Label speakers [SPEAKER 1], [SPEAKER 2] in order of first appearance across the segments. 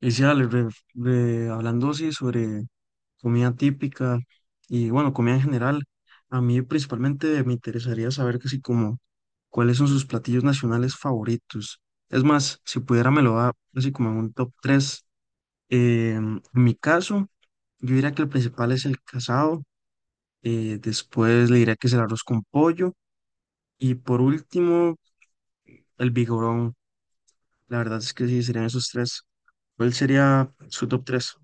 [SPEAKER 1] Y sí, Ale, hablando sí sobre comida típica y bueno, comida en general, a mí principalmente me interesaría saber casi como cuáles son sus platillos nacionales favoritos. Es más, si pudiera me lo da así como en un top tres. En mi caso, yo diría que el principal es el casado, después le diría que es el arroz con pollo y por último el vigorón. La verdad es que sí, serían esos tres. ¿Cuál sería su top tres?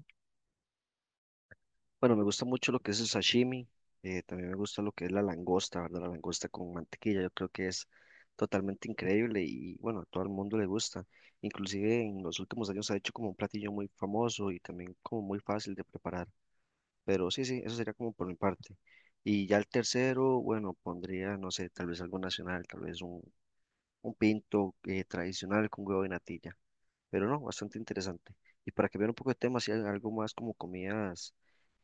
[SPEAKER 2] Bueno, me gusta mucho lo que es el sashimi, también me gusta lo que es la langosta, ¿verdad? La langosta con mantequilla, yo creo que es totalmente increíble y bueno, a todo el mundo le gusta. Inclusive en los últimos años se ha hecho como un platillo muy famoso y también como muy fácil de preparar. Pero sí, sí, eso sería como por mi parte. Y ya el tercero, bueno, pondría, no sé, tal vez algo nacional, tal vez un pinto tradicional con huevo y natilla. Pero no, bastante interesante. Y para cambiar un poco de tema, si hay algo más como comidas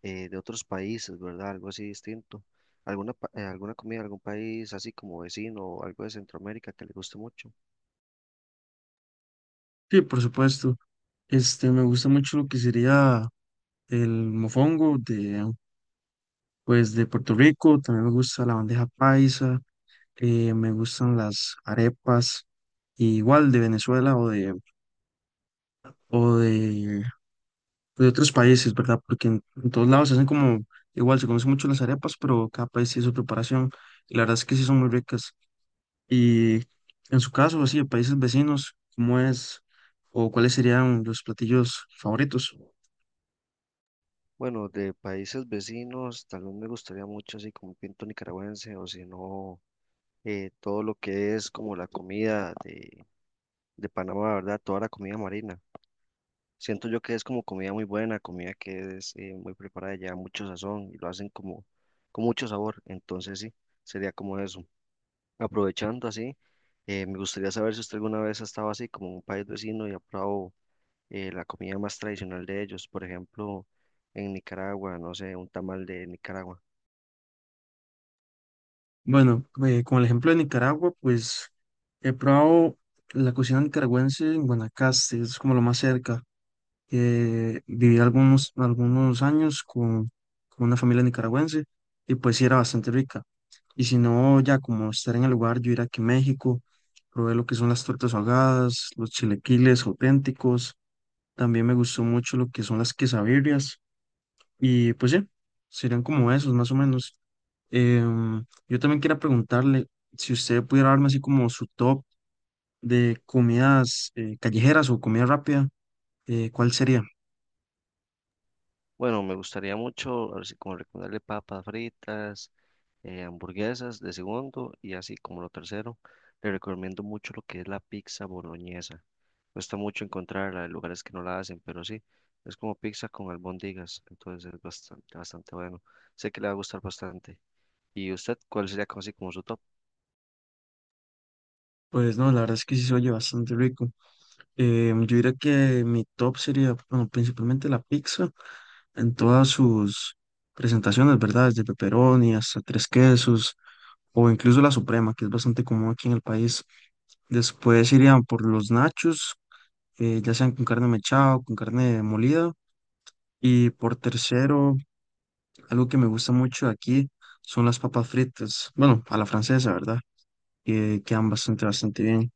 [SPEAKER 2] de otros países, ¿verdad? Algo así distinto. ¿Alguna, alguna comida de algún país así como vecino o algo de Centroamérica que le guste mucho?
[SPEAKER 1] Sí, por supuesto. Este, me gusta mucho lo que sería el mofongo pues, de Puerto Rico, también me gusta la bandeja paisa, me gustan las arepas, y igual de Venezuela o de, de otros países, ¿verdad? Porque en todos lados se hacen como, igual se conocen mucho las arepas, pero cada país tiene su preparación, y la verdad es que sí son muy ricas. Y en su caso, así, de países vecinos, ¿cómo es o cuáles serían los platillos favoritos?
[SPEAKER 2] Bueno, de países vecinos, tal vez me gustaría mucho así como un pinto nicaragüense o si no, todo lo que es como la comida de Panamá, ¿verdad? Toda la comida marina. Siento yo que es como comida muy buena, comida que es muy preparada, lleva mucho sazón y lo hacen como con mucho sabor. Entonces sí, sería como eso. Aprovechando así, me gustaría saber si usted alguna vez ha estado así como en un país vecino y ha probado la comida más tradicional de ellos. Por ejemplo, en Nicaragua, no sé, un tamal de Nicaragua.
[SPEAKER 1] Bueno, con el ejemplo de Nicaragua, pues he probado la cocina nicaragüense en Guanacaste, es como lo más cerca. Viví algunos años con una familia nicaragüense y pues sí era bastante rica. Y si no, ya como estar en el lugar, yo ir aquí a México, probé lo que son las tortas ahogadas, los chilequiles auténticos, también me gustó mucho lo que son las quesabirrias y pues sí, serían como esos más o menos. Yo también quería preguntarle si usted pudiera darme así como su top de comidas callejeras o comida rápida, ¿cuál sería?
[SPEAKER 2] Bueno, me gustaría mucho, así como recomendarle papas fritas, hamburguesas de segundo y así como lo tercero. Le recomiendo mucho lo que es la pizza boloñesa. Cuesta mucho encontrarla, hay lugares que no la hacen, pero sí, es como pizza con albóndigas, entonces es bastante, bastante bueno. Sé que le va a gustar bastante. ¿Y usted cuál sería como así como su top?
[SPEAKER 1] Pues no, la verdad es que sí se oye bastante rico. Yo diría que mi top sería, bueno, principalmente la pizza en todas sus presentaciones, ¿verdad? Desde pepperoni hasta tres quesos o incluso la suprema, que es bastante común aquí en el país. Después irían por los nachos, ya sean con carne mechada o con carne molida. Y por tercero, algo que me gusta mucho de aquí son las papas fritas. Bueno, a la francesa, ¿verdad? Que quedan bastante, bastante bien.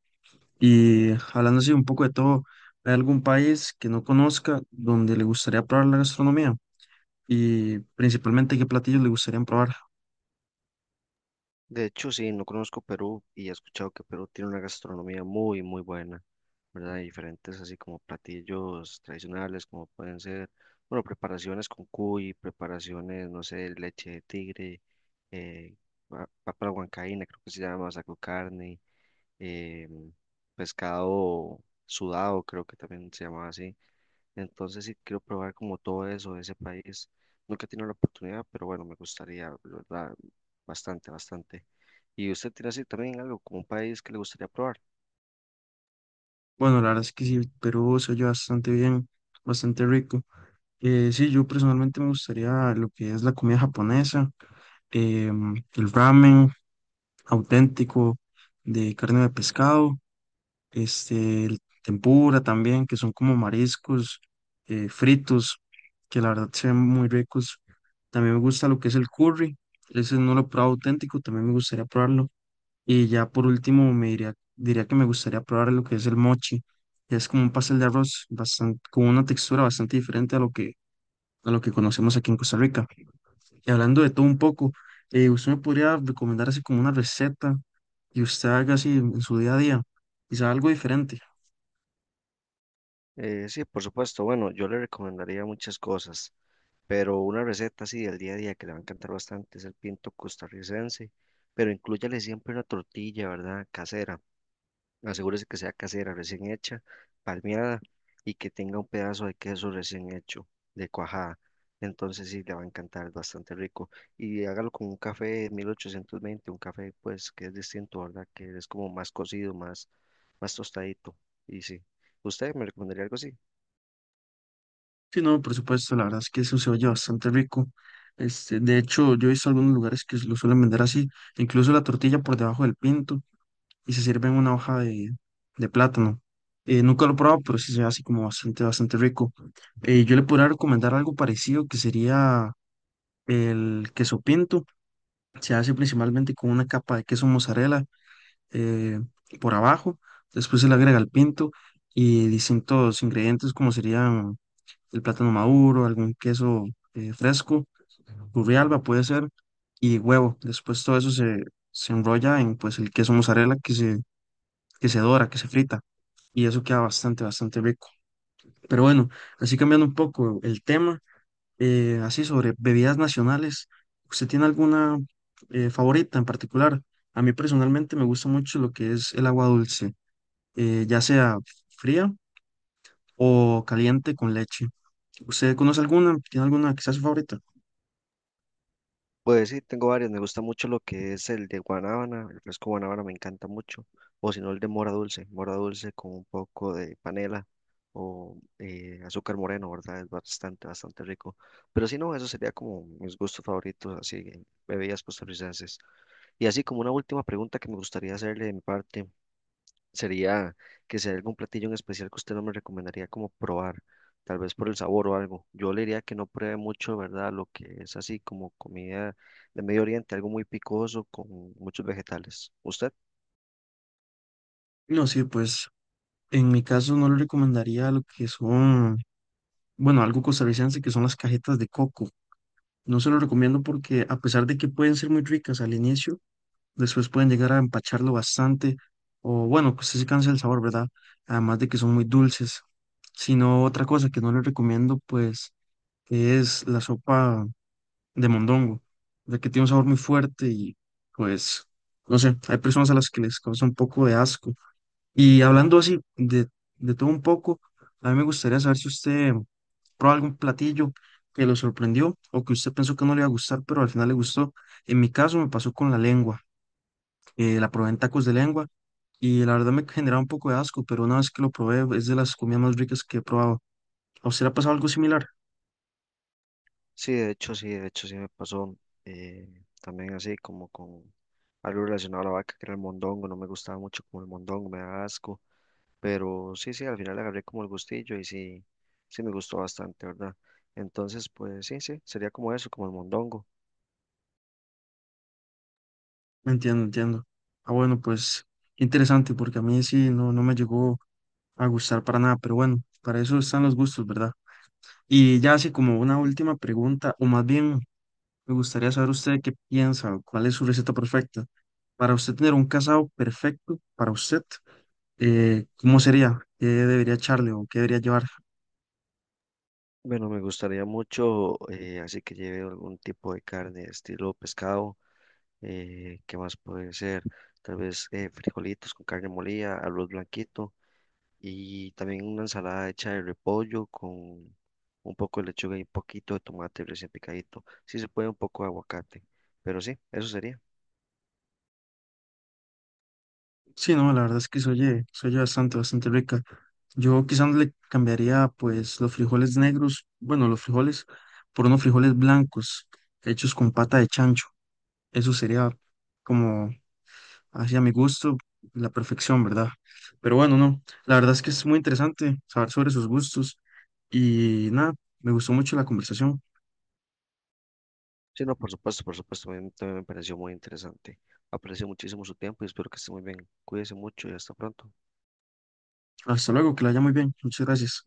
[SPEAKER 1] Y hablando así un poco de todo, ¿hay algún país que no conozca donde le gustaría probar la gastronomía? Y principalmente, ¿qué platillos le gustaría probar?
[SPEAKER 2] De hecho, sí, no conozco Perú y he escuchado que Perú tiene una gastronomía muy, muy buena, ¿verdad? Y diferentes así como platillos tradicionales, como pueden ser, bueno, preparaciones con cuy, preparaciones, no sé, leche de tigre, eh, papa a la huancaína, creo que se llama, saco carne eh, pescado sudado, creo que también se llamaba así. Entonces sí quiero probar como todo eso de ese país. Nunca he tenido la oportunidad, pero bueno, me gustaría, la ¿verdad? Bastante, bastante. ¿Y usted tiene así también algo como un país que le gustaría probar?
[SPEAKER 1] Bueno, la verdad es que sí, Perú se oye bastante bien, bastante rico. Sí, yo personalmente me gustaría lo que es la comida japonesa, el ramen auténtico de carne de pescado, este, el tempura también, que son como mariscos fritos, que la verdad se ven muy ricos. También me gusta lo que es el curry, ese no lo he probado auténtico, también me gustaría probarlo. Y ya por último me diría que me gustaría probar lo que es el mochi, que es como un pastel de arroz bastante con una textura bastante diferente a lo que conocemos aquí en Costa Rica. Y hablando de todo un poco, ¿usted me podría recomendar así como una receta que usted haga así en su día a día? Quizá algo diferente.
[SPEAKER 2] Sí, por supuesto. Bueno, yo le recomendaría muchas cosas, pero una receta así del día a día que le va a encantar bastante es el pinto costarricense, pero inclúyale siempre una tortilla, ¿verdad? Casera. Asegúrese que sea casera, recién hecha, palmeada y que tenga un pedazo de queso recién hecho, de cuajada. Entonces sí, le va a encantar, es bastante rico. Y hágalo con un café 1820, un café pues que es distinto, ¿verdad? Que es como más cocido, más, más tostadito. Y sí, ¿usted me recomendaría algo así?
[SPEAKER 1] Sí, no, por supuesto, la verdad es que eso se oye bastante rico. Este, de hecho, yo he visto algunos lugares que lo suelen vender así, incluso la tortilla por debajo del pinto y se sirve en una hoja de plátano. Nunca lo he probado, pero sí se ve así como bastante, bastante rico. Yo le podría recomendar algo parecido que sería el queso pinto. Se hace principalmente con una capa de queso mozzarella, eh, por abajo, después se le agrega el pinto y distintos ingredientes como serían el plátano maduro, algún queso fresco, alba puede ser, y huevo. Después todo eso se enrolla en pues el queso mozzarella que se dora, que se frita, y eso queda bastante, bastante rico. Pero bueno, así cambiando un poco el tema, así sobre bebidas nacionales, ¿usted tiene alguna favorita en particular? A mí personalmente me gusta mucho lo que es el agua dulce, ya sea fría o caliente con leche. ¿Usted conoce alguna? ¿Tiene alguna que sea su favorita?
[SPEAKER 2] Pues sí, tengo varios. Me gusta mucho lo que es el de guanábana. El fresco guanábana me encanta mucho. O si no, el de mora dulce. Mora dulce con un poco de panela o azúcar moreno, ¿verdad? Es bastante, bastante rico. Pero si no, eso sería como mis gustos favoritos, así, en bebidas costarricenses. Y así como una última pregunta que me gustaría hacerle de mi parte sería que sea algún platillo en especial que usted no me recomendaría como probar, tal vez por el sabor o algo. Yo le diría que no pruebe mucho, ¿verdad? Lo que es así como comida de Medio Oriente, algo muy picoso con muchos vegetales. ¿Usted?
[SPEAKER 1] No, sí, pues en mi caso no le recomendaría lo que son, bueno, algo costarricense que son las cajetas de coco. No se lo recomiendo porque a pesar de que pueden ser muy ricas al inicio, después pueden llegar a empacharlo bastante o bueno, pues sí se cansa el sabor, ¿verdad? Además de que son muy dulces. Sino otra cosa que no le recomiendo, pues, es la sopa de mondongo, de que tiene un sabor muy fuerte y pues, no sé, hay personas a las que les causa un poco de asco. Y hablando así de todo un poco, a mí me gustaría saber si usted probó algún platillo que lo sorprendió o que usted pensó que no le iba a gustar, pero al final le gustó. En mi caso me pasó con la lengua, la probé en tacos de lengua y la verdad me generaba un poco de asco, pero una vez que lo probé es de las comidas más ricas que he probado. ¿A usted le ha pasado algo similar?
[SPEAKER 2] Sí, de hecho, sí, de hecho, sí me pasó eh, también así como con algo relacionado a la vaca, que era el mondongo. No me gustaba mucho como el mondongo, me da asco. Pero sí, sí, al final le agarré como el gustillo y sí, sí me gustó bastante, ¿verdad? Entonces, pues sí, sí, sería como eso, como el mondongo.
[SPEAKER 1] Entiendo, entiendo. Ah, bueno, pues interesante, porque a mí sí no, no me llegó a gustar para nada, pero bueno, para eso están los gustos, ¿verdad? Y ya así como una última pregunta, o más bien me gustaría saber usted qué piensa, o cuál es su receta perfecta. Para usted tener un casado perfecto para usted, ¿cómo sería? ¿Qué debería echarle o qué debería llevar?
[SPEAKER 2] Bueno, me gustaría mucho, así que lleve algún tipo de carne, estilo pescado, ¿qué más puede ser? Tal vez frijolitos con carne molida, arroz blanquito y también una ensalada hecha de repollo con un poco de lechuga y un poquito de tomate recién picadito. Si se puede, un poco de aguacate, pero sí, eso sería.
[SPEAKER 1] Sí, no, la verdad es que se oye bastante, bastante rica. Yo quizás le cambiaría pues los frijoles negros, bueno, los frijoles por unos frijoles blancos hechos con pata de chancho. Eso sería como hacia mi gusto la perfección, ¿verdad? Pero bueno, no, la verdad es que es muy interesante saber sobre sus gustos y nada, me gustó mucho la conversación.
[SPEAKER 2] Sí, no, por supuesto, a mí también me pareció muy interesante. Aprecio muchísimo su tiempo y espero que esté muy bien. Cuídese mucho y hasta pronto.
[SPEAKER 1] Hasta luego, que la haya muy bien. Muchas gracias.